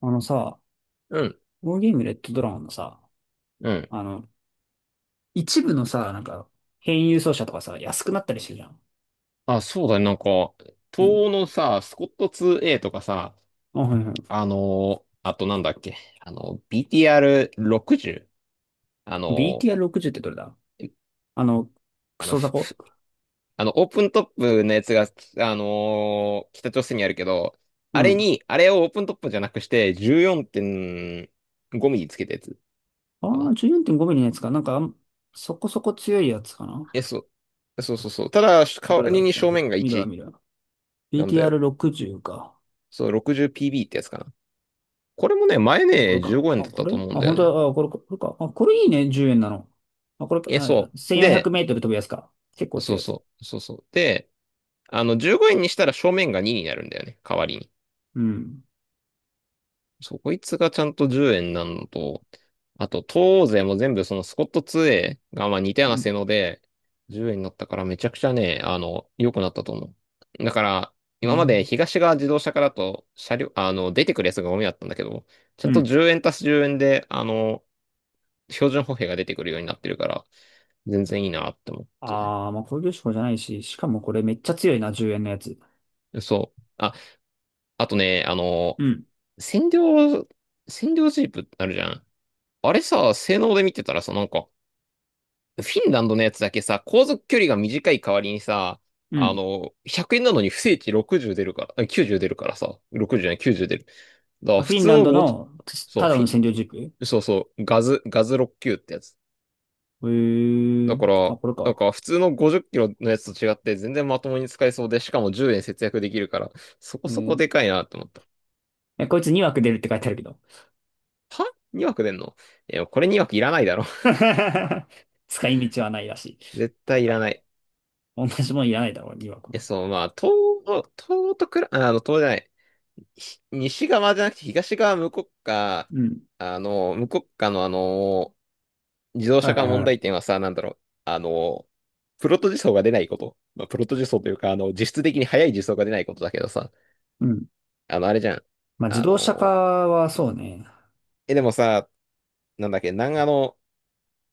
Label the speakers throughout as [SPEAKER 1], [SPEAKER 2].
[SPEAKER 1] あのさ、
[SPEAKER 2] うん、
[SPEAKER 1] このゲームレッドドラゴンのさ、
[SPEAKER 2] うん。
[SPEAKER 1] あの、一部のさ、なんか、変輸送車とかさ、安くなったりしてるじゃん。
[SPEAKER 2] あ、そうだね。なんか、
[SPEAKER 1] う
[SPEAKER 2] 東
[SPEAKER 1] ん。
[SPEAKER 2] 欧のさ、スコット 2A とかさ、
[SPEAKER 1] あ、はいはい。
[SPEAKER 2] あとなんだっけ、BTR60？ あの
[SPEAKER 1] BTR60 ってどれだ？あの、クソザ
[SPEAKER 2] ふ
[SPEAKER 1] コ。
[SPEAKER 2] ふオープントップのやつが、北朝鮮にあるけど、
[SPEAKER 1] う
[SPEAKER 2] あれ
[SPEAKER 1] ん。あ
[SPEAKER 2] に、あれをオープントップじゃなくして、14.5ミリつけたやつか
[SPEAKER 1] あ、
[SPEAKER 2] な。
[SPEAKER 1] 14.5ミリのやつか。なんか、そこそこ強いやつかな。
[SPEAKER 2] え、そう。そうそうそう。ただ、代
[SPEAKER 1] ど
[SPEAKER 2] わ
[SPEAKER 1] れだ？
[SPEAKER 2] りに
[SPEAKER 1] ちょっ
[SPEAKER 2] 正
[SPEAKER 1] と待
[SPEAKER 2] 面
[SPEAKER 1] って。
[SPEAKER 2] が
[SPEAKER 1] 見るわ、
[SPEAKER 2] 1
[SPEAKER 1] 見るわ。
[SPEAKER 2] なんだよ。
[SPEAKER 1] BTR60 か。
[SPEAKER 2] そう、60PB ってやつかな。これもね、前
[SPEAKER 1] あ、これ
[SPEAKER 2] ね、15
[SPEAKER 1] か。あ、
[SPEAKER 2] 円だっ
[SPEAKER 1] こ
[SPEAKER 2] た
[SPEAKER 1] れ、
[SPEAKER 2] と思うん
[SPEAKER 1] あ、
[SPEAKER 2] だよ
[SPEAKER 1] 本当
[SPEAKER 2] ね。
[SPEAKER 1] だ。あ、これ、これか。あ、これいいね。10円なの。あ、これ、
[SPEAKER 2] え、
[SPEAKER 1] あ、
[SPEAKER 2] そう。
[SPEAKER 1] 1400メー
[SPEAKER 2] で、
[SPEAKER 1] トル飛ぶやつか。結構
[SPEAKER 2] そ
[SPEAKER 1] 強
[SPEAKER 2] う
[SPEAKER 1] いやつ。
[SPEAKER 2] そう、そうそう。で、15円にしたら正面が2になるんだよね、代わりに。
[SPEAKER 1] うん。
[SPEAKER 2] そう、こいつがちゃんと10円なのと、あと、東欧勢も全部そのスコット 2A がまあ似たよう
[SPEAKER 1] う
[SPEAKER 2] な
[SPEAKER 1] ん。
[SPEAKER 2] 性能で、10円になったからめちゃくちゃね、良くなったと思う。だから、
[SPEAKER 1] う
[SPEAKER 2] 今まで
[SPEAKER 1] ん。
[SPEAKER 2] 東側自動車からと車両、出てくるやつがゴミだったんだけど、ちゃ
[SPEAKER 1] う
[SPEAKER 2] んと
[SPEAKER 1] ん。
[SPEAKER 2] 10円足す10円で、標準歩兵が出てくるようになってるから、全然いいなって思って。
[SPEAKER 1] ああ、まあ工業志向じゃないし、しかもこれめっちゃ強いな、10円のやつ。
[SPEAKER 2] そう。あ、あとね、
[SPEAKER 1] うん。
[SPEAKER 2] 占領、占領ジープってあるじゃん。あれさ、性能で見てたらさ、なんか、フィンランドのやつだけさ、航続距離が短い代わりにさ、
[SPEAKER 1] うん。
[SPEAKER 2] 100円なのに不正値60出るから、あ、90出るからさ、60じゅうじゃない、90出る。だか
[SPEAKER 1] ま
[SPEAKER 2] ら
[SPEAKER 1] あ、フ
[SPEAKER 2] 普
[SPEAKER 1] ィン
[SPEAKER 2] 通
[SPEAKER 1] ラン
[SPEAKER 2] の
[SPEAKER 1] ド
[SPEAKER 2] 50、
[SPEAKER 1] の
[SPEAKER 2] そう、
[SPEAKER 1] ただの占領
[SPEAKER 2] フィ
[SPEAKER 1] 軸へ。
[SPEAKER 2] ンそうそう、ガズ69っ級ってやつ。
[SPEAKER 1] え。
[SPEAKER 2] だから、
[SPEAKER 1] あ、これ
[SPEAKER 2] なん
[SPEAKER 1] か。
[SPEAKER 2] か普通の50キロのやつと違って全然まともに使えそうで、しかも10円節約できるから、そ
[SPEAKER 1] え
[SPEAKER 2] こそこ
[SPEAKER 1] ー、
[SPEAKER 2] でかいなって思った。
[SPEAKER 1] え、こいつ2枠出るって書いてあるけど。
[SPEAKER 2] は？ 2 枠出んの？え、これ2枠いらないだろ。
[SPEAKER 1] 使い道はないらしい。
[SPEAKER 2] 絶対い
[SPEAKER 1] な
[SPEAKER 2] ら
[SPEAKER 1] いだ
[SPEAKER 2] な
[SPEAKER 1] ろ
[SPEAKER 2] い。
[SPEAKER 1] う。同じもんいらないだろう、2枠
[SPEAKER 2] え、
[SPEAKER 1] も。
[SPEAKER 2] そう、まあ、東、東とくら、あの、東じゃない。西側じゃなくて東側
[SPEAKER 1] うん。
[SPEAKER 2] 無国家の自動
[SPEAKER 1] はい
[SPEAKER 2] 車
[SPEAKER 1] は
[SPEAKER 2] 化
[SPEAKER 1] い
[SPEAKER 2] 問
[SPEAKER 1] は
[SPEAKER 2] 題
[SPEAKER 1] い。
[SPEAKER 2] 点はさ、なんだろう。あの、プロト自走が出ないこと。まあ、プロト自走というか、実質的に速い自走が出ないことだけどさ、
[SPEAKER 1] うん。
[SPEAKER 2] あれじゃん。
[SPEAKER 1] まあ、自
[SPEAKER 2] あ
[SPEAKER 1] 動車化
[SPEAKER 2] の、
[SPEAKER 1] はそうね。
[SPEAKER 2] でもさ、なんだっけ、南アの、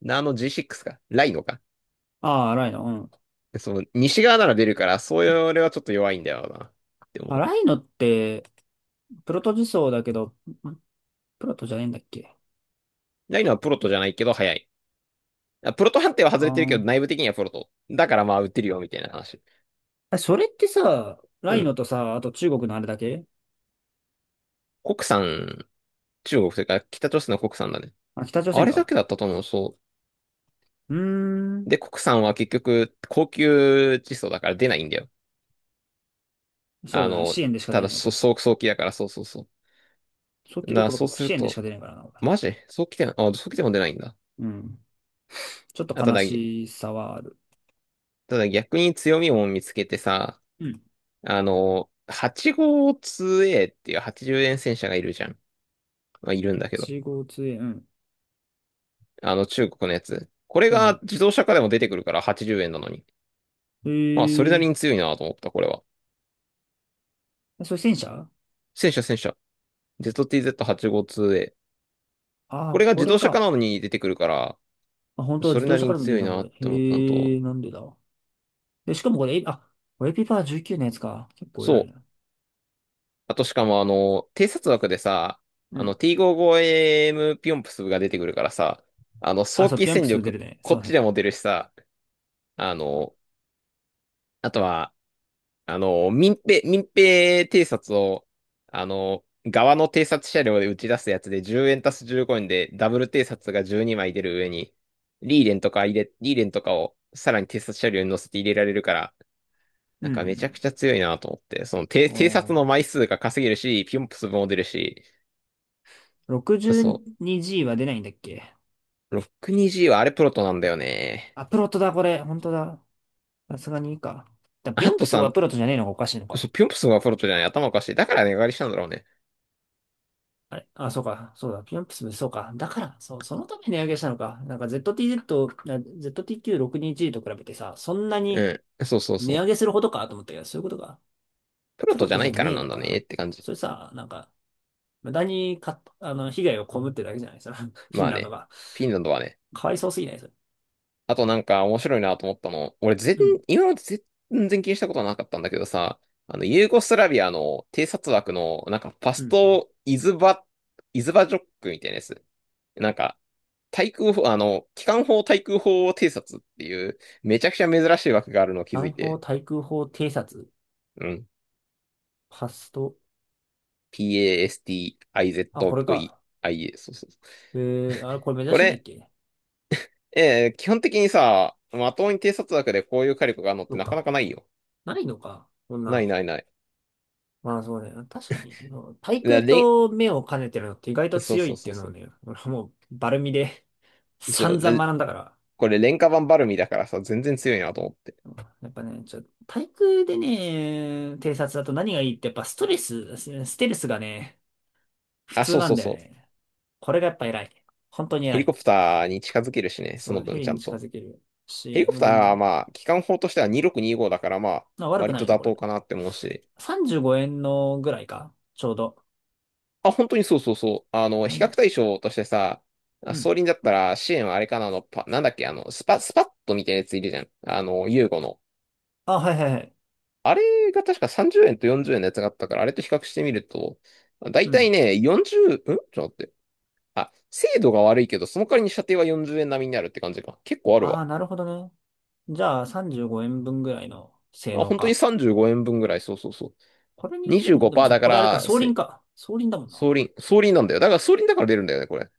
[SPEAKER 2] ナーの G6 か、ライノか。
[SPEAKER 1] ああ、ライノ。うん。
[SPEAKER 2] その、西側なら出るから、そういうれはちょっと弱いんだよな。で
[SPEAKER 1] あ、
[SPEAKER 2] も、
[SPEAKER 1] ライノって、プロト自走だけど、んプロトじゃねえんだっけ？
[SPEAKER 2] ないのはプロトじゃないけど、早い。あ、プロト判定は
[SPEAKER 1] あ、
[SPEAKER 2] 外れてるけど、
[SPEAKER 1] あ、
[SPEAKER 2] 内部的にはプロト。だからまあ、打てるよ、みたいな話。
[SPEAKER 1] あ、それってさ、ラ
[SPEAKER 2] う
[SPEAKER 1] イノ
[SPEAKER 2] ん。
[SPEAKER 1] とさ、あと中国のあれだけ。
[SPEAKER 2] 国産、中国というか、北朝鮮の国産だね。
[SPEAKER 1] あ、北朝
[SPEAKER 2] あ
[SPEAKER 1] 鮮
[SPEAKER 2] れだ
[SPEAKER 1] か。
[SPEAKER 2] けだったと思う、そ
[SPEAKER 1] うー
[SPEAKER 2] う。
[SPEAKER 1] ん。
[SPEAKER 2] で、国産は結局、高級窒素だから出ないんだよ。
[SPEAKER 1] そう
[SPEAKER 2] あ
[SPEAKER 1] だね。
[SPEAKER 2] の、
[SPEAKER 1] 支援でしか
[SPEAKER 2] た
[SPEAKER 1] 出な
[SPEAKER 2] だ、
[SPEAKER 1] いよ、こいつ。
[SPEAKER 2] そう、早期だから、そうそうそ
[SPEAKER 1] 早
[SPEAKER 2] う。
[SPEAKER 1] 期どころか
[SPEAKER 2] そう
[SPEAKER 1] もう
[SPEAKER 2] す
[SPEAKER 1] 支
[SPEAKER 2] る
[SPEAKER 1] 援でし
[SPEAKER 2] と、
[SPEAKER 1] か出ないからな、俺。
[SPEAKER 2] マジ早期で、あ、早期でも出ないんだ。
[SPEAKER 1] うん。ちょっと
[SPEAKER 2] あ、た
[SPEAKER 1] 悲
[SPEAKER 2] だ、
[SPEAKER 1] しさはある。
[SPEAKER 2] ただ逆に強みも見つけてさ、
[SPEAKER 1] うん。
[SPEAKER 2] 8号 2A っていう80円戦車がいるじゃん。まあ、いるんだけど。
[SPEAKER 1] 8号杖、うん。
[SPEAKER 2] 中国のやつ。これ
[SPEAKER 1] う
[SPEAKER 2] が
[SPEAKER 1] ん。
[SPEAKER 2] 自動車化でも出てくるから80円なのに。まあ、それ
[SPEAKER 1] へ
[SPEAKER 2] な
[SPEAKER 1] え。
[SPEAKER 2] りに強いなと思った、これは。
[SPEAKER 1] あ、それ戦車？
[SPEAKER 2] 戦車戦車。ZTZ852A。
[SPEAKER 1] ああ
[SPEAKER 2] こ
[SPEAKER 1] ー、
[SPEAKER 2] れが
[SPEAKER 1] こ
[SPEAKER 2] 自
[SPEAKER 1] れ
[SPEAKER 2] 動車化
[SPEAKER 1] か。
[SPEAKER 2] なのに出てくるから、
[SPEAKER 1] あ、本当は
[SPEAKER 2] そ
[SPEAKER 1] 自
[SPEAKER 2] れ
[SPEAKER 1] 動
[SPEAKER 2] な
[SPEAKER 1] 車
[SPEAKER 2] り
[SPEAKER 1] か
[SPEAKER 2] に
[SPEAKER 1] ら見てる
[SPEAKER 2] 強
[SPEAKER 1] じ
[SPEAKER 2] い
[SPEAKER 1] ゃん、こ
[SPEAKER 2] な
[SPEAKER 1] れ。
[SPEAKER 2] って思ったの
[SPEAKER 1] へ
[SPEAKER 2] と。
[SPEAKER 1] え、なんでだ。で、しかもこれ、え、あ、これエピパー19のやつか。結構偉
[SPEAKER 2] そ
[SPEAKER 1] いな。
[SPEAKER 2] う。あとしかも偵察枠でさ、
[SPEAKER 1] うん。
[SPEAKER 2] T55AM ピョンプスが出てくるからさ、
[SPEAKER 1] あ、
[SPEAKER 2] 早
[SPEAKER 1] そう、
[SPEAKER 2] 期
[SPEAKER 1] ピャンプ
[SPEAKER 2] 戦
[SPEAKER 1] ス出る
[SPEAKER 2] 力
[SPEAKER 1] ね。
[SPEAKER 2] こ
[SPEAKER 1] そ
[SPEAKER 2] っ
[SPEAKER 1] う
[SPEAKER 2] ち
[SPEAKER 1] ね。
[SPEAKER 2] でも出るしさ、あの、あとは、民兵偵察を、側の偵察車両で打ち出すやつで10円足す15円でダブル偵察が12枚出る上に、リーレンとかをさらに偵察車両に乗せて入れられるから、
[SPEAKER 1] う
[SPEAKER 2] なんかめちゃく
[SPEAKER 1] ん。
[SPEAKER 2] ちゃ強いなと思って、その
[SPEAKER 1] お
[SPEAKER 2] 偵察の
[SPEAKER 1] ー。
[SPEAKER 2] 枚数が稼げるし、ピョンプスも出るし、そ
[SPEAKER 1] 62G は出ないんだっけ？
[SPEAKER 2] う、6 2 g はあれプロトなんだよね。
[SPEAKER 1] あ、プロトだ、これ。本当だ。さすがにいいか。ビ
[SPEAKER 2] あ
[SPEAKER 1] ヨン
[SPEAKER 2] と
[SPEAKER 1] プス
[SPEAKER 2] さ、
[SPEAKER 1] はプロトじゃねえのがおかしいのか。
[SPEAKER 2] そう、ピョンプスがプロトじゃない、頭おかしい。だから値上がりしたんだろうね。
[SPEAKER 1] あれ、あ、そうか。そうだ。ビヨンプス、そうか。だから、そう、そのために値上げしたのか。なんか ZTZ と、ZTQ62G と比べてさ、そんなに
[SPEAKER 2] うん。そうそう
[SPEAKER 1] 値
[SPEAKER 2] そう。
[SPEAKER 1] 上げするほどかと思ったけど、そういうことか。
[SPEAKER 2] プロ
[SPEAKER 1] プ
[SPEAKER 2] ト
[SPEAKER 1] ロ
[SPEAKER 2] じゃ
[SPEAKER 1] ト
[SPEAKER 2] な
[SPEAKER 1] じゃ
[SPEAKER 2] いから
[SPEAKER 1] ねえ
[SPEAKER 2] なん
[SPEAKER 1] の
[SPEAKER 2] だ
[SPEAKER 1] か。
[SPEAKER 2] ねって感じ。
[SPEAKER 1] それさ、なんか、無駄にか、被害を被ってるだけじゃないですか。そのフィン
[SPEAKER 2] まあ
[SPEAKER 1] ランド
[SPEAKER 2] ね、
[SPEAKER 1] が。
[SPEAKER 2] フィンランドはね、
[SPEAKER 1] かわいそうすぎない？それ。
[SPEAKER 2] あとなんか面白いなと思ったの、
[SPEAKER 1] うん。
[SPEAKER 2] 今まで全然気にしたことはなかったんだけどさ、ユーゴスラビアの偵察枠の、なんかパ
[SPEAKER 1] う
[SPEAKER 2] ス
[SPEAKER 1] ん。
[SPEAKER 2] トイズバ、イズバジョックみたいなやつ。なんか、対空砲、機関砲対空砲偵察っていう、めちゃくちゃ珍しい枠があるのを気づ
[SPEAKER 1] 南
[SPEAKER 2] い
[SPEAKER 1] 方
[SPEAKER 2] て、
[SPEAKER 1] 対空砲偵察、
[SPEAKER 2] うん。
[SPEAKER 1] パスト、
[SPEAKER 2] PASTIZVIA、
[SPEAKER 1] あ、これか。
[SPEAKER 2] そうそうそう。
[SPEAKER 1] えあれ、これ目指
[SPEAKER 2] こ
[SPEAKER 1] してたっ
[SPEAKER 2] れ、
[SPEAKER 1] け？
[SPEAKER 2] 基本的にさ、まともに偵察枠でこういう火力があるのっ
[SPEAKER 1] そ
[SPEAKER 2] て
[SPEAKER 1] う
[SPEAKER 2] なかな
[SPEAKER 1] か。
[SPEAKER 2] かないよ。
[SPEAKER 1] ないのか。こんな
[SPEAKER 2] ない
[SPEAKER 1] の。
[SPEAKER 2] ないない。
[SPEAKER 1] まあそうね。確かに、対
[SPEAKER 2] だ
[SPEAKER 1] 空
[SPEAKER 2] れ
[SPEAKER 1] と目を兼ねてるのって意外
[SPEAKER 2] ん、
[SPEAKER 1] と
[SPEAKER 2] そう
[SPEAKER 1] 強い
[SPEAKER 2] そう
[SPEAKER 1] って
[SPEAKER 2] そ
[SPEAKER 1] いう
[SPEAKER 2] う
[SPEAKER 1] のは
[SPEAKER 2] そ
[SPEAKER 1] ね、俺はもうバルミで
[SPEAKER 2] う。そう、
[SPEAKER 1] 散々
[SPEAKER 2] で、
[SPEAKER 1] 学んだから。
[SPEAKER 2] これ廉価版バルミだからさ、全然強いなと思って。
[SPEAKER 1] やっぱね、対空でね、偵察だと何がいいってやっぱスステルスがね、普
[SPEAKER 2] あ、
[SPEAKER 1] 通
[SPEAKER 2] そう
[SPEAKER 1] な
[SPEAKER 2] そ
[SPEAKER 1] ん
[SPEAKER 2] う
[SPEAKER 1] だよ
[SPEAKER 2] そう。
[SPEAKER 1] ね。これがやっぱ偉い。本当に
[SPEAKER 2] ヘ
[SPEAKER 1] 偉
[SPEAKER 2] リコ
[SPEAKER 1] い。
[SPEAKER 2] プターに近づけるしね、そ
[SPEAKER 1] そ
[SPEAKER 2] の
[SPEAKER 1] う、ヘ
[SPEAKER 2] 分ち
[SPEAKER 1] リ
[SPEAKER 2] ゃ
[SPEAKER 1] に
[SPEAKER 2] ん
[SPEAKER 1] 近
[SPEAKER 2] と。
[SPEAKER 1] づける
[SPEAKER 2] ヘリ
[SPEAKER 1] し、
[SPEAKER 2] コ
[SPEAKER 1] も
[SPEAKER 2] プ
[SPEAKER 1] う
[SPEAKER 2] ター
[SPEAKER 1] 全
[SPEAKER 2] は
[SPEAKER 1] 然、
[SPEAKER 2] まあ、機関砲としては2625だからまあ、
[SPEAKER 1] まあ悪く
[SPEAKER 2] 割
[SPEAKER 1] ない
[SPEAKER 2] と
[SPEAKER 1] よね、
[SPEAKER 2] 妥
[SPEAKER 1] これ。
[SPEAKER 2] 当かなって思うし。
[SPEAKER 1] 35円のぐらいか、ちょうど。
[SPEAKER 2] あ、本当にそうそうそう。
[SPEAKER 1] う
[SPEAKER 2] 比較
[SPEAKER 1] ん。
[SPEAKER 2] 対象としてさ、あ、
[SPEAKER 1] う
[SPEAKER 2] 装
[SPEAKER 1] ん。
[SPEAKER 2] 輪だったら支援はあれかななんだっけ、スパッとみたいなやついるじゃん。ユーゴの。
[SPEAKER 1] あ、はいはいはい。
[SPEAKER 2] あれが確か30円と40円のやつがあったから、あれと比較してみると、だ
[SPEAKER 1] う
[SPEAKER 2] いたい
[SPEAKER 1] ん。
[SPEAKER 2] ね、40、ちょっと待って。あ、精度が悪いけど、その代わりに射程は40円並みになるって感じか。結構ある
[SPEAKER 1] あ
[SPEAKER 2] わ。
[SPEAKER 1] あ、なるほどね。じゃあ、35円分ぐらいの性
[SPEAKER 2] あ、
[SPEAKER 1] 能
[SPEAKER 2] 本当に
[SPEAKER 1] か。
[SPEAKER 2] 35円分ぐらい。そうそうそ
[SPEAKER 1] これに
[SPEAKER 2] う。
[SPEAKER 1] 似てんのでも
[SPEAKER 2] 25%
[SPEAKER 1] さ、
[SPEAKER 2] だか
[SPEAKER 1] これあれか、
[SPEAKER 2] ら、
[SPEAKER 1] 双輪か。双輪だもんな。
[SPEAKER 2] 総輪なんだよ。だから総輪だから出るんだよね、これ。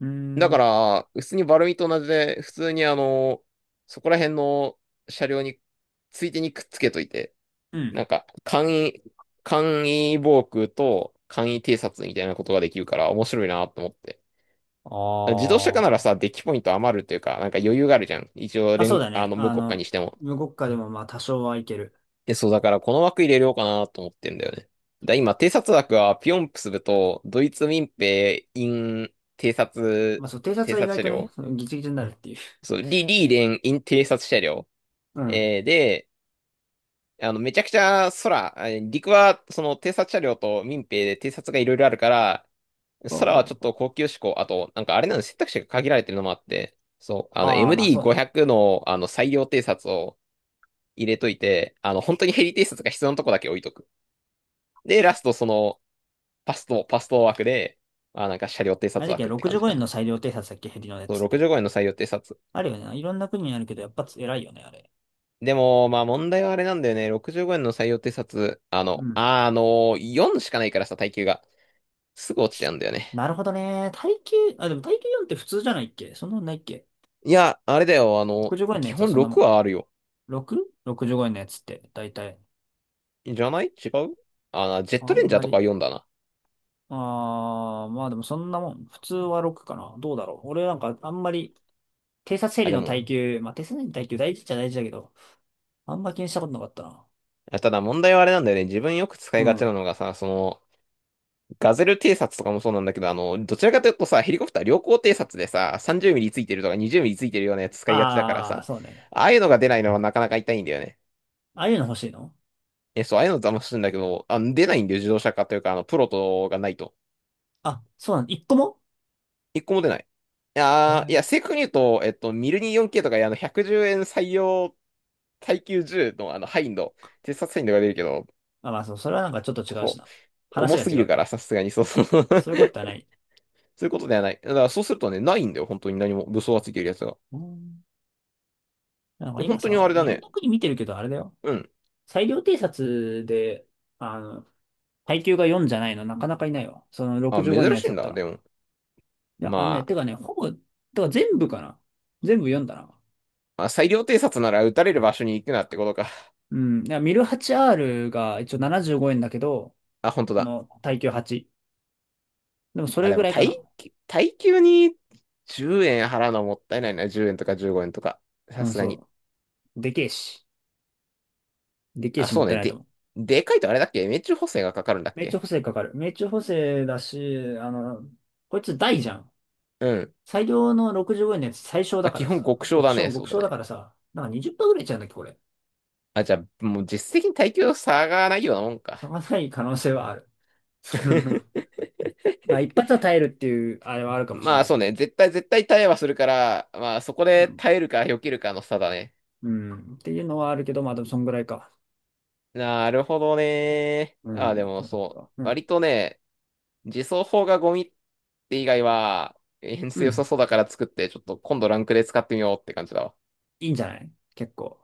[SPEAKER 1] うー
[SPEAKER 2] だ
[SPEAKER 1] ん。
[SPEAKER 2] から、普通にバルミと同じで、普通にそこら辺の車両に、ついでにくっつけといて、
[SPEAKER 1] うん。
[SPEAKER 2] なんか、簡易防空と簡易偵察みたいなことができるから面白いなと思って。自動車化ならさ、
[SPEAKER 1] あ
[SPEAKER 2] デッキポイント余るっていうか、なんか余裕があるじゃん。一応
[SPEAKER 1] あ。あ、そう
[SPEAKER 2] 連、
[SPEAKER 1] だ
[SPEAKER 2] あ
[SPEAKER 1] ね。
[SPEAKER 2] の、無国家にしても。
[SPEAKER 1] 無国家でもまあ多少はいける。
[SPEAKER 2] え、そう、だからこの枠入れようかなと思ってんだよね。今、偵察枠はピョンプスブとドイツ民兵 in
[SPEAKER 1] まあそう、偵
[SPEAKER 2] 偵
[SPEAKER 1] 察は意
[SPEAKER 2] 察
[SPEAKER 1] 外
[SPEAKER 2] 車
[SPEAKER 1] とね、
[SPEAKER 2] 両、
[SPEAKER 1] そのギチギチになるっていう。
[SPEAKER 2] そう、リーレン in 偵察車両。
[SPEAKER 1] うん。
[SPEAKER 2] で、めちゃくちゃ空、陸はその偵察車両と民兵で偵察がいろいろあるから、
[SPEAKER 1] そ
[SPEAKER 2] 空はちょっ
[SPEAKER 1] う。
[SPEAKER 2] と高級志向、あと、なんかあれなの選択肢が限られてるのもあって、そう、
[SPEAKER 1] ああー、まあそうね。
[SPEAKER 2] MD500 の最良偵察を入れといて、本当にヘリ偵察が必要なとこだけ置いとく。で、ラストその、パスト枠で、まあなんか車両偵
[SPEAKER 1] あれ
[SPEAKER 2] 察
[SPEAKER 1] だっけ、
[SPEAKER 2] 枠って感
[SPEAKER 1] 65
[SPEAKER 2] じか
[SPEAKER 1] 円の
[SPEAKER 2] な。
[SPEAKER 1] 裁量偵察だっけ、ヘリのや
[SPEAKER 2] そう、
[SPEAKER 1] つって。
[SPEAKER 2] 65円の採用偵察。
[SPEAKER 1] あるよね。いろんな国にあるけど、やっぱ偉いよね、あれ。
[SPEAKER 2] でも、まあ問題はあれなんだよね。65円の採用偵察、
[SPEAKER 1] うん。
[SPEAKER 2] の4しかないからさ、耐久が。すぐ落ちちゃうんだよね。
[SPEAKER 1] なるほどね。耐久、あ、でも耐久4って普通じゃないっけ？そんなんないっけ？
[SPEAKER 2] いや、あれだよ、
[SPEAKER 1] 65 円のや
[SPEAKER 2] 基
[SPEAKER 1] つは
[SPEAKER 2] 本
[SPEAKER 1] そんなも
[SPEAKER 2] 6
[SPEAKER 1] ん？
[SPEAKER 2] はあるよ。
[SPEAKER 1] 6?65 円のやつって、だいたい？
[SPEAKER 2] じゃない、違う。あ、ジェット
[SPEAKER 1] あ
[SPEAKER 2] レン
[SPEAKER 1] ん
[SPEAKER 2] ジャー
[SPEAKER 1] ま
[SPEAKER 2] とか
[SPEAKER 1] り。
[SPEAKER 2] は4だな。
[SPEAKER 1] まあでもそんなもん。普通は6かな。どうだろう。俺なんかあんまり、偵察整
[SPEAKER 2] あ、
[SPEAKER 1] 理
[SPEAKER 2] で
[SPEAKER 1] の
[SPEAKER 2] も、
[SPEAKER 1] 耐久、まあ偵察整理の耐久大事っちゃ大事だけど、あんま気にしたことなかったな。
[SPEAKER 2] ただ問題はあれなんだよね。自分よく使
[SPEAKER 1] う
[SPEAKER 2] いがち
[SPEAKER 1] ん。
[SPEAKER 2] なのがさ、その、ガゼル偵察とかもそうなんだけど、どちらかというとさ、ヘリコプター良好偵察でさ、30ミリついてるとか20ミリついてるようなやつ使いがちだからさ、
[SPEAKER 1] そうね。
[SPEAKER 2] ああいうのが出ないのはなかなか痛いんだよね。
[SPEAKER 1] ああいうの欲しいの？
[SPEAKER 2] え、そう、ああいうの騙すんだけど、あ、出ないんだよ、自動車化というか、プロトがないと。
[SPEAKER 1] あ、そうなの。一個も。
[SPEAKER 2] 一個も出ない。い
[SPEAKER 1] え
[SPEAKER 2] やー、い
[SPEAKER 1] ー、
[SPEAKER 2] や、正確に言うと、ミルニ 4K とか、110円採用耐久銃の、ハインド、偵察ハインドが出るけど、
[SPEAKER 1] あ、まあそう、それはなんかちょっと違うし
[SPEAKER 2] こう、
[SPEAKER 1] な。話
[SPEAKER 2] 重
[SPEAKER 1] が
[SPEAKER 2] すぎ
[SPEAKER 1] 違
[SPEAKER 2] る
[SPEAKER 1] う。
[SPEAKER 2] から、さすがに、そうそう。
[SPEAKER 1] そういうことはない。
[SPEAKER 2] そういうことではない。だから、そうするとね、ないんだよ、本当に何も、武装がついてるやつが。
[SPEAKER 1] うん。なんか
[SPEAKER 2] 本
[SPEAKER 1] 今
[SPEAKER 2] 当にあ
[SPEAKER 1] さ、
[SPEAKER 2] れだ
[SPEAKER 1] いろん
[SPEAKER 2] ね。
[SPEAKER 1] な国見てるけど、あれだよ。
[SPEAKER 2] うん。
[SPEAKER 1] 裁量偵察で、あの、耐久が4じゃないの、なかなかいないわ。その
[SPEAKER 2] あ、
[SPEAKER 1] 65
[SPEAKER 2] 珍
[SPEAKER 1] 円のや
[SPEAKER 2] し
[SPEAKER 1] つ
[SPEAKER 2] い
[SPEAKER 1] だ
[SPEAKER 2] ん
[SPEAKER 1] った
[SPEAKER 2] だ。
[SPEAKER 1] ら。
[SPEAKER 2] でも。
[SPEAKER 1] いや、あんね、
[SPEAKER 2] まあ、
[SPEAKER 1] てかね、ほぼ、てか全部かな。全部読んだな。
[SPEAKER 2] まあ、裁量偵察なら撃たれる場所に行くなってことか。
[SPEAKER 1] うん。いや、ミル 8R が一応75円だけど、
[SPEAKER 2] あ、本当だ。
[SPEAKER 1] 耐久8。でもそ
[SPEAKER 2] あ、
[SPEAKER 1] れ
[SPEAKER 2] で
[SPEAKER 1] ぐ
[SPEAKER 2] も、
[SPEAKER 1] らいかな。
[SPEAKER 2] 耐久に10円払うのはもったいないな。10円とか15円とか。さ
[SPEAKER 1] うん、
[SPEAKER 2] すが
[SPEAKER 1] そ
[SPEAKER 2] に。
[SPEAKER 1] う。でけえし。でけえ
[SPEAKER 2] あ、
[SPEAKER 1] し、も
[SPEAKER 2] そ
[SPEAKER 1] っ
[SPEAKER 2] う
[SPEAKER 1] たい
[SPEAKER 2] ね。
[SPEAKER 1] ないと
[SPEAKER 2] で、
[SPEAKER 1] 思う。
[SPEAKER 2] でかいとあれだっけ、命中補正がかかるんだっ
[SPEAKER 1] 命中
[SPEAKER 2] け？
[SPEAKER 1] 補正かかる。命中補正だし、こいつ大じゃん。
[SPEAKER 2] うん。
[SPEAKER 1] 最良の65円のやつ最小
[SPEAKER 2] ま
[SPEAKER 1] だ
[SPEAKER 2] あ、
[SPEAKER 1] か
[SPEAKER 2] 基
[SPEAKER 1] ら
[SPEAKER 2] 本
[SPEAKER 1] さ。
[SPEAKER 2] 極小
[SPEAKER 1] 極
[SPEAKER 2] だね。
[SPEAKER 1] 小、
[SPEAKER 2] そ
[SPEAKER 1] 極
[SPEAKER 2] うだ
[SPEAKER 1] 小だ
[SPEAKER 2] ね。
[SPEAKER 1] からさ。なんか20%ぐらいいっちゃうんだっけ、これ。
[SPEAKER 2] あ、じゃあ、もう実質的に耐久差がないようなもんか。
[SPEAKER 1] その際に可能性はある。まあ、一発は耐えるっていう、あれはあるかもしれ
[SPEAKER 2] ま
[SPEAKER 1] な
[SPEAKER 2] あ、
[SPEAKER 1] い。
[SPEAKER 2] そうね。絶対、絶対耐えはするから、まあ、そこ
[SPEAKER 1] う
[SPEAKER 2] で
[SPEAKER 1] ん。
[SPEAKER 2] 耐えるか避けるかの差だね。
[SPEAKER 1] うんっていうのはあるけど、まあ、でもそんぐらいか。
[SPEAKER 2] なるほどね。
[SPEAKER 1] う
[SPEAKER 2] あ、で
[SPEAKER 1] ん。
[SPEAKER 2] もそう。
[SPEAKER 1] うん。
[SPEAKER 2] 割とね、自走砲がゴミって以外は、演
[SPEAKER 1] う
[SPEAKER 2] 出良 さ
[SPEAKER 1] ん。
[SPEAKER 2] そうだから作って、ちょっと今度ランクで使ってみようって感じだわ。
[SPEAKER 1] いいんじゃない？結構。